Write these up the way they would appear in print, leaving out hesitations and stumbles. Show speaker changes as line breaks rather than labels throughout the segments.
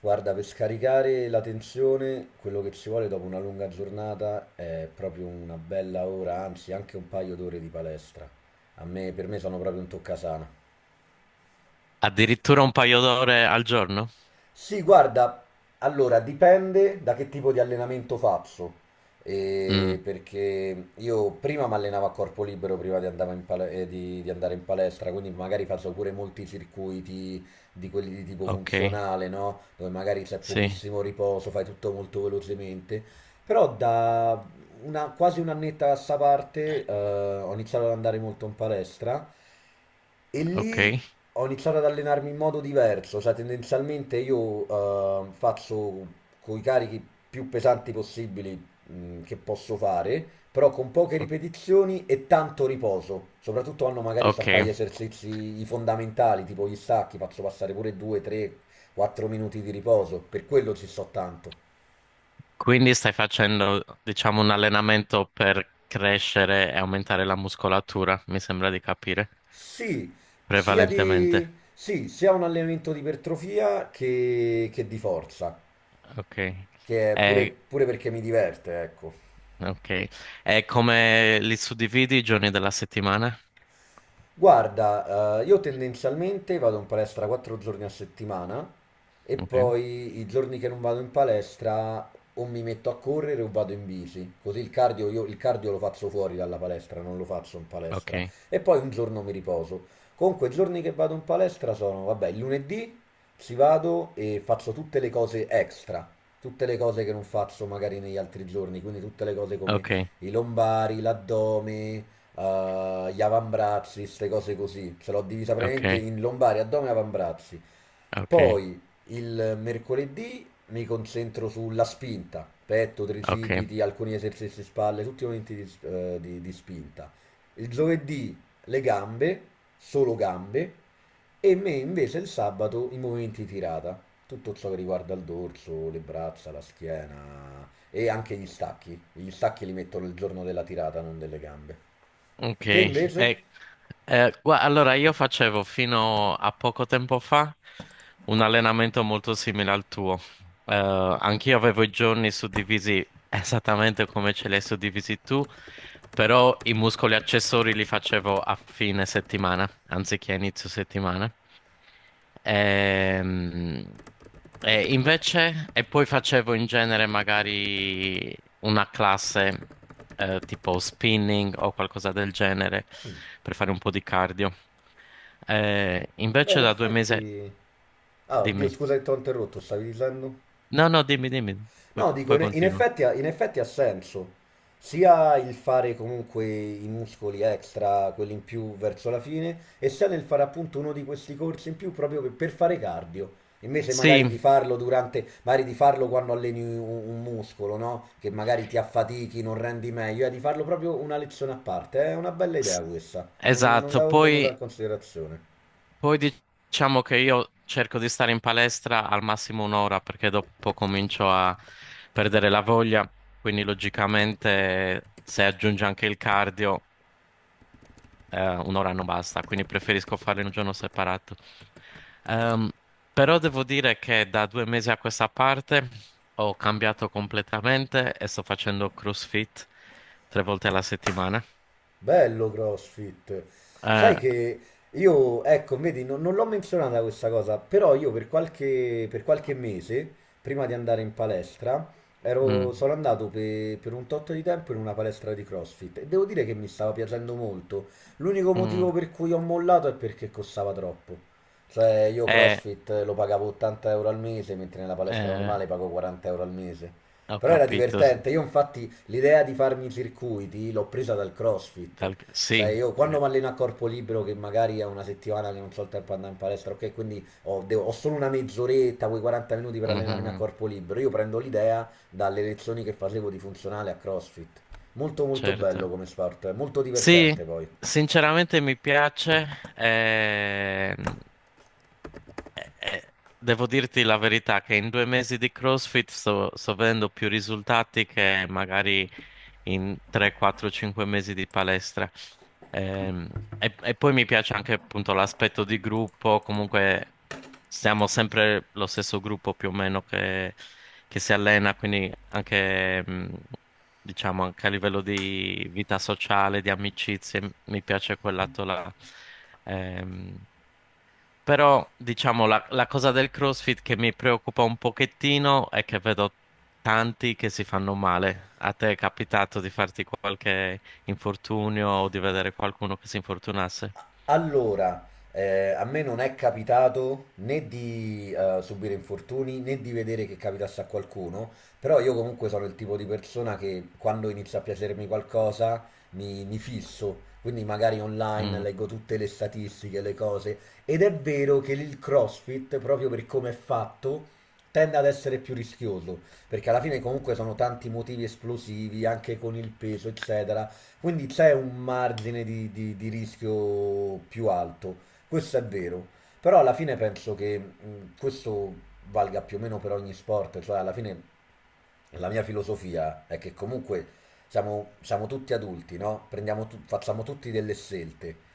Guarda, per scaricare la tensione, quello che ci vuole dopo una lunga giornata è proprio una bella ora, anzi anche un paio d'ore di palestra. A me, per me sono proprio un toccasana.
Addirittura un paio d'ore al giorno?
Sì, guarda, allora dipende da che tipo di allenamento faccio,
Mm,
Perché io prima mi allenavo a corpo libero prima di andare in palestra, quindi magari faccio pure molti circuiti di quelli di tipo
ok,
funzionale, no? Dove magari c'è
sì,
pochissimo riposo, fai tutto molto velocemente, però da quasi un'annetta a sta parte ho iniziato ad andare molto in palestra. E
ok,
lì ho iniziato ad allenarmi in modo diverso, cioè tendenzialmente io faccio con i carichi più pesanti possibili che posso fare, però con poche
o-
ripetizioni e tanto riposo. Soprattutto quando magari sto a fare gli
ok.
esercizi i fondamentali, tipo gli stacchi, faccio passare pure 2, 3, 4 minuti di riposo, per quello ci sto tanto.
Quindi stai facendo, diciamo, un allenamento per crescere e aumentare la muscolatura, mi sembra di capire,
Sì,
prevalentemente.
sì, sia un allenamento di ipertrofia che di forza,
Ok.
che è pure,
E,
pure perché mi diverte, ecco.
ok. E come li suddividi i giorni della settimana?
Guarda, io tendenzialmente vado in palestra 4 giorni a settimana e
Ok,
poi i giorni che non vado in palestra o mi metto a correre o vado in bici, così il cardio, io, il cardio lo faccio fuori dalla palestra, non lo faccio in palestra
ok,
e poi un giorno mi riposo. Comunque i giorni che vado in palestra sono, vabbè, il lunedì ci vado e faccio tutte le cose extra, tutte le cose che non faccio magari negli altri giorni, quindi tutte le cose come
ok,
i lombari, l'addome, gli avambrazzi, queste cose così. Ce l'ho divisa
ok,
praticamente in lombare, addome e avambrazzi.
ok,
Poi il mercoledì mi concentro sulla spinta, petto,
ok.
tricipiti, alcuni esercizi spalle, tutti i momenti di spinta. Il giovedì le gambe, solo gambe, e me invece il sabato i movimenti tirata, tutto ciò che riguarda il dorso, le braccia, la schiena e anche gli stacchi. Gli stacchi li metto il giorno della tirata, non delle gambe.
Ok,
Te invece?
allora io facevo fino a poco tempo fa un allenamento molto simile al tuo. Anch'io avevo i giorni suddivisi esattamente come ce li hai suddivisi tu, però i muscoli accessori li facevo a fine settimana, anziché a inizio settimana. Ehm, e invece, e poi facevo in genere magari una classe tipo spinning o qualcosa del genere per fare un po' di cardio. Eh,
Beh, in
invece da 2 mesi...
effetti... Ah, oddio,
Dimmi.
scusa che ti ho interrotto, stavi dicendo?
No, no, dimmi, dimmi. Poi,
No, dico,
poi
in in
continuo.
effetti, ha- in effetti ha senso. Sia il fare comunque i muscoli extra, quelli in più verso la fine, e sia nel fare appunto uno di questi corsi in più proprio per fare cardio. Invece magari
Sì,
di farlo durante, magari di farlo quando alleni un muscolo, no? Che magari ti affatichi, non rendi meglio, di farlo proprio una lezione a parte. È una bella idea
s-
questa. Non
esatto.
l'avevo tenuta
Poi,
in considerazione.
poi diciamo che io cerco di stare in palestra al massimo un'ora perché dopo comincio a perdere la voglia, quindi logicamente se aggiunge anche il cardio un'ora non basta, quindi preferisco farlo in un giorno separato. Ehm, Però devo dire che da 2 mesi a questa parte ho cambiato completamente e sto facendo CrossFit tre volte alla settimana.
Bello CrossFit. Sai
Eh,
che io, ecco, vedi, non l'ho menzionata questa cosa, però io per qualche mese, prima di andare in palestra,
mm,
sono andato per un tot di tempo in una palestra di CrossFit e devo dire che mi stava piacendo molto. L'unico motivo
mm,
per cui ho mollato è perché costava troppo. Cioè, io
eh,
CrossFit lo pagavo 80 € al mese, mentre nella palestra
eh,
normale pago 40 € al mese.
ho
Però era
capito.
divertente. Io infatti l'idea di farmi i circuiti l'ho presa dal CrossFit.
Sì,
Cioè io quando
eh,
mi alleno a corpo libero che magari è una settimana che non so il tempo di andare in palestra, ok, quindi ho solo una mezz'oretta, quei 40 minuti per allenarmi a
mhm,
corpo libero, io prendo l'idea dalle lezioni che facevo di funzionale a CrossFit. Molto molto
certo.
bello come sport, è molto
Sì,
divertente poi.
sinceramente mi piace. eh, Devo dirti la verità che in 2 mesi di CrossFit sto vedendo più risultati che magari in 3, 4, 5 mesi di palestra. Ehm, e poi mi piace anche appunto l'aspetto di gruppo, comunque siamo sempre lo stesso gruppo più o meno che si allena, quindi anche, diciamo, anche a livello di vita sociale, di amicizie, mi piace quel lato là. Ehm, Però, diciamo, la cosa del CrossFit che mi preoccupa un pochettino è che vedo tanti che si fanno male. A te è capitato di farti qualche infortunio o di vedere qualcuno che si infortunasse?
Allora, a me non è capitato né di subire infortuni né di vedere che capitasse a qualcuno, però io comunque sono il tipo di persona che quando inizia a piacermi qualcosa mi fisso, quindi magari online
Mm,
leggo tutte le statistiche, le cose, ed è vero che il CrossFit, proprio per come è fatto, tende ad essere più rischioso, perché alla fine comunque sono tanti motivi esplosivi, anche con il peso, eccetera quindi c'è un margine di rischio più alto, questo è vero, però alla fine penso che questo valga più o meno per ogni sport, cioè alla fine la mia filosofia è che comunque siamo tutti adulti, no? Facciamo tutti delle scelte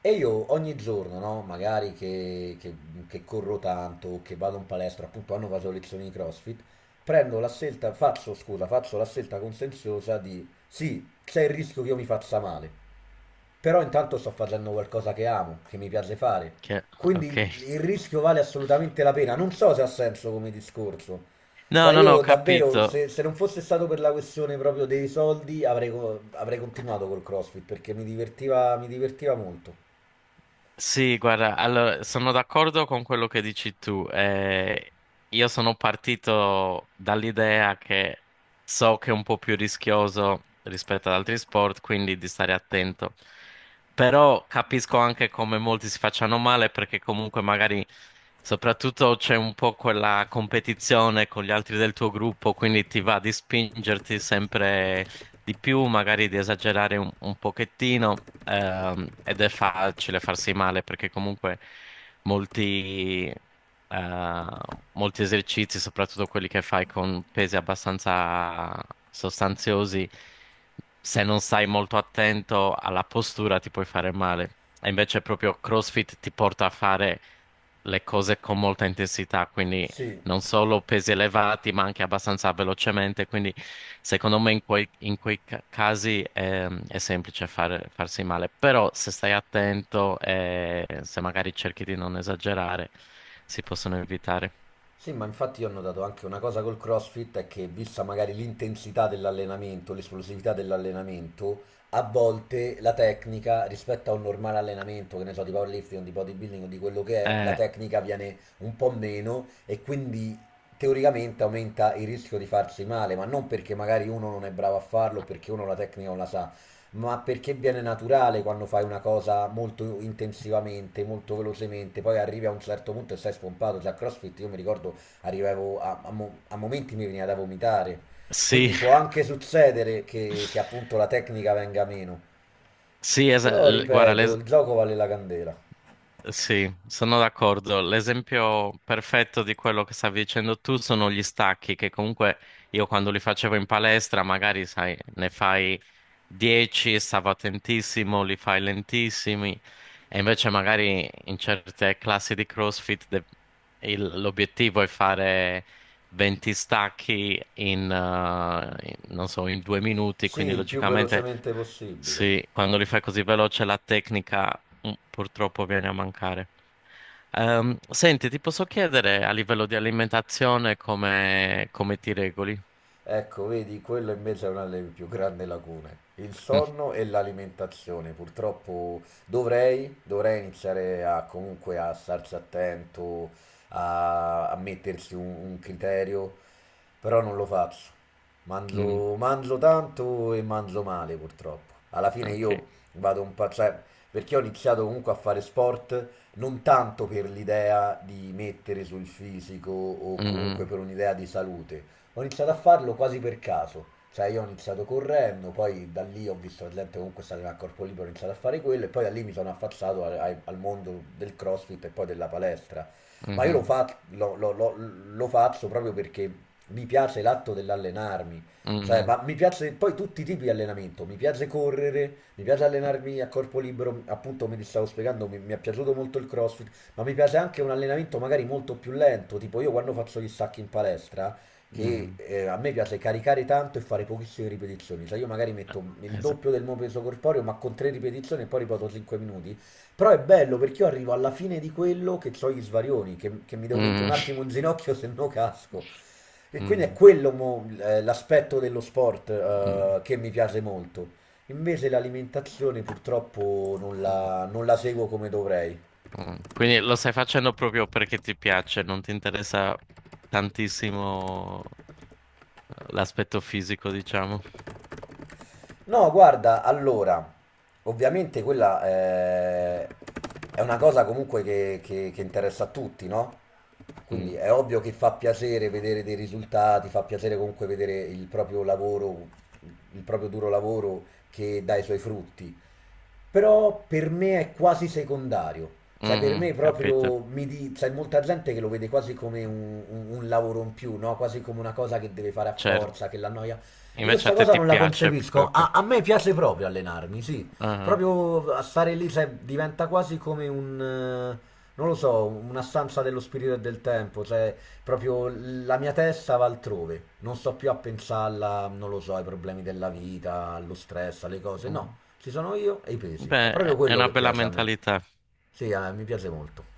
e io ogni giorno, no, magari che corro tanto, o che vado in palestra, appunto hanno vaso lezioni di CrossFit, prendo la scelta, faccio, scusa, faccio la scelta consenziosa di sì, c'è il rischio che io mi faccia male, però intanto sto facendo qualcosa che amo, che mi piace fare,
che-
quindi
ok.
il rischio vale assolutamente la pena. Non so se ha senso come discorso.
No,
Cioè
no, no, ho
io davvero,
capito.
se non fosse stato per la questione proprio dei soldi, avrei continuato col CrossFit perché mi divertiva molto.
Sì, guarda, allora sono d'accordo con quello che dici tu. Io sono partito dall'idea che so che è un po' più rischioso rispetto ad altri sport, quindi di stare attento. Però capisco anche come molti si facciano male perché comunque magari soprattutto c'è un po' quella competizione con gli altri del tuo gruppo, quindi ti va di spingerti sempre di più, magari di esagerare un pochettino, ed è facile farsi male perché comunque molti, eh, molti esercizi, soprattutto quelli che fai con pesi abbastanza sostanziosi, se non stai molto attento alla postura ti puoi fare male. E invece proprio CrossFit ti porta a fare le cose con molta intensità, quindi
Sì,
non solo pesi elevati, ma anche abbastanza velocemente. Quindi, secondo me, in quei casi è semplice farsi male. Però, se stai attento e se magari cerchi di non esagerare, si possono evitare.
sì, ma infatti io ho notato anche una cosa col CrossFit è che vista magari l'intensità dell'allenamento, l'esplosività dell'allenamento, a volte la tecnica rispetto a un normale allenamento, che ne so, di powerlifting, o di bodybuilding o di quello che è, la
Eh,
tecnica viene un po' meno e quindi teoricamente aumenta il rischio di farsi male, ma non perché magari uno non è bravo a farlo, perché uno la tecnica non la sa, ma perché viene naturale quando fai una cosa molto intensivamente, molto velocemente, poi arrivi a un certo punto e sei spompato, cioè a CrossFit io mi ricordo arrivavo a momenti mi veniva da vomitare,
sì,
quindi può anche succedere che appunto la tecnica venga meno,
sì,
però
guarda,
ripeto, il gioco vale la candela,
sì, sono d'accordo. L'esempio perfetto di quello che stavi dicendo tu sono gli stacchi, che comunque io quando li facevo in palestra, magari sai, ne fai 10, stavo attentissimo, li fai lentissimi, e invece magari in certe classi di CrossFit l'obiettivo è fare 20 stacchi in, non so, in 2 minuti,
sì,
quindi
il più
logicamente.
velocemente possibile.
Sì, quando li fai così veloce la tecnica purtroppo viene a mancare. Senti, ti posso chiedere a livello di alimentazione come ti regoli?
Ecco, vedi, quello invece è una delle più grandi lacune. Il sonno e l'alimentazione. Purtroppo dovrei iniziare a, comunque a starci attento, a mettersi un criterio, però non lo faccio.
Mm,
Mangio, mangio tanto e mangio male, purtroppo. Alla fine
ok.
io vado un po', cioè, perché ho iniziato comunque a fare sport non tanto per l'idea di mettere sul fisico o comunque
Mm,
per un'idea di salute. Ho iniziato a farlo quasi per caso. Cioè, io ho iniziato correndo, poi da lì ho visto la gente comunque stare a corpo libero, ho iniziato a fare quello, e poi da lì mi sono affacciato al mondo del CrossFit e poi della palestra. Ma io lo,
mhm,
fa- lo- lo- lo- lo faccio proprio perché mi piace l'atto dell'allenarmi. Cioè,
mhm,
ma mi piace poi tutti i tipi di allenamento, mi piace correre, mi piace allenarmi a corpo libero, appunto come ti stavo spiegando, mi è piaciuto molto il CrossFit, ma mi piace anche un allenamento magari molto più lento, tipo io quando faccio gli stacchi in palestra, che
mhm.
a me piace caricare tanto e fare pochissime ripetizioni, cioè io magari
Eh,
metto il
Esatto.
doppio del mio peso corporeo ma con tre ripetizioni e poi ripeto 5 minuti, però è bello perché io arrivo alla fine di quello che ho gli svarioni, che mi devo mettere
Mm,
un attimo in ginocchio se no casco. E quindi è
mm,
quello l'aspetto dello sport
mm,
che mi piace molto. Invece l'alimentazione purtroppo non
mm,
la non la seguo come dovrei.
mm. Quindi lo stai facendo proprio perché ti piace, non ti interessa tantissimo l'aspetto fisico, diciamo.
No, guarda, allora, ovviamente quella è una cosa comunque che interessa a tutti, no?
Mm,
Quindi è ovvio che fa piacere vedere dei risultati, fa piacere comunque vedere il proprio lavoro, il proprio duro lavoro che dà i suoi frutti. Però per me è quasi secondario. Cioè, per me
mhm, capito.
proprio c'è molta gente che lo vede quasi come un lavoro in più, no? Quasi come una cosa che deve fare a
Certo,
forza, che l'annoia. Io
invece a
sta
te
cosa
ti
non la
piace
concepisco.
proprio.
A me piace proprio allenarmi, sì.
Ah,
Proprio a stare lì, cioè, diventa quasi come non lo so, una stanza dello spirito e del tempo, cioè, proprio la mia testa va altrove. Non sto più a pensarla, non lo so, ai problemi della vita, allo stress, alle cose,
ah,
no.
mm.
Ci sono io e i pesi. È proprio
Beh, è
quello
una
che
bella
piace a me.
mentalità.
Sì, a me mi piace molto.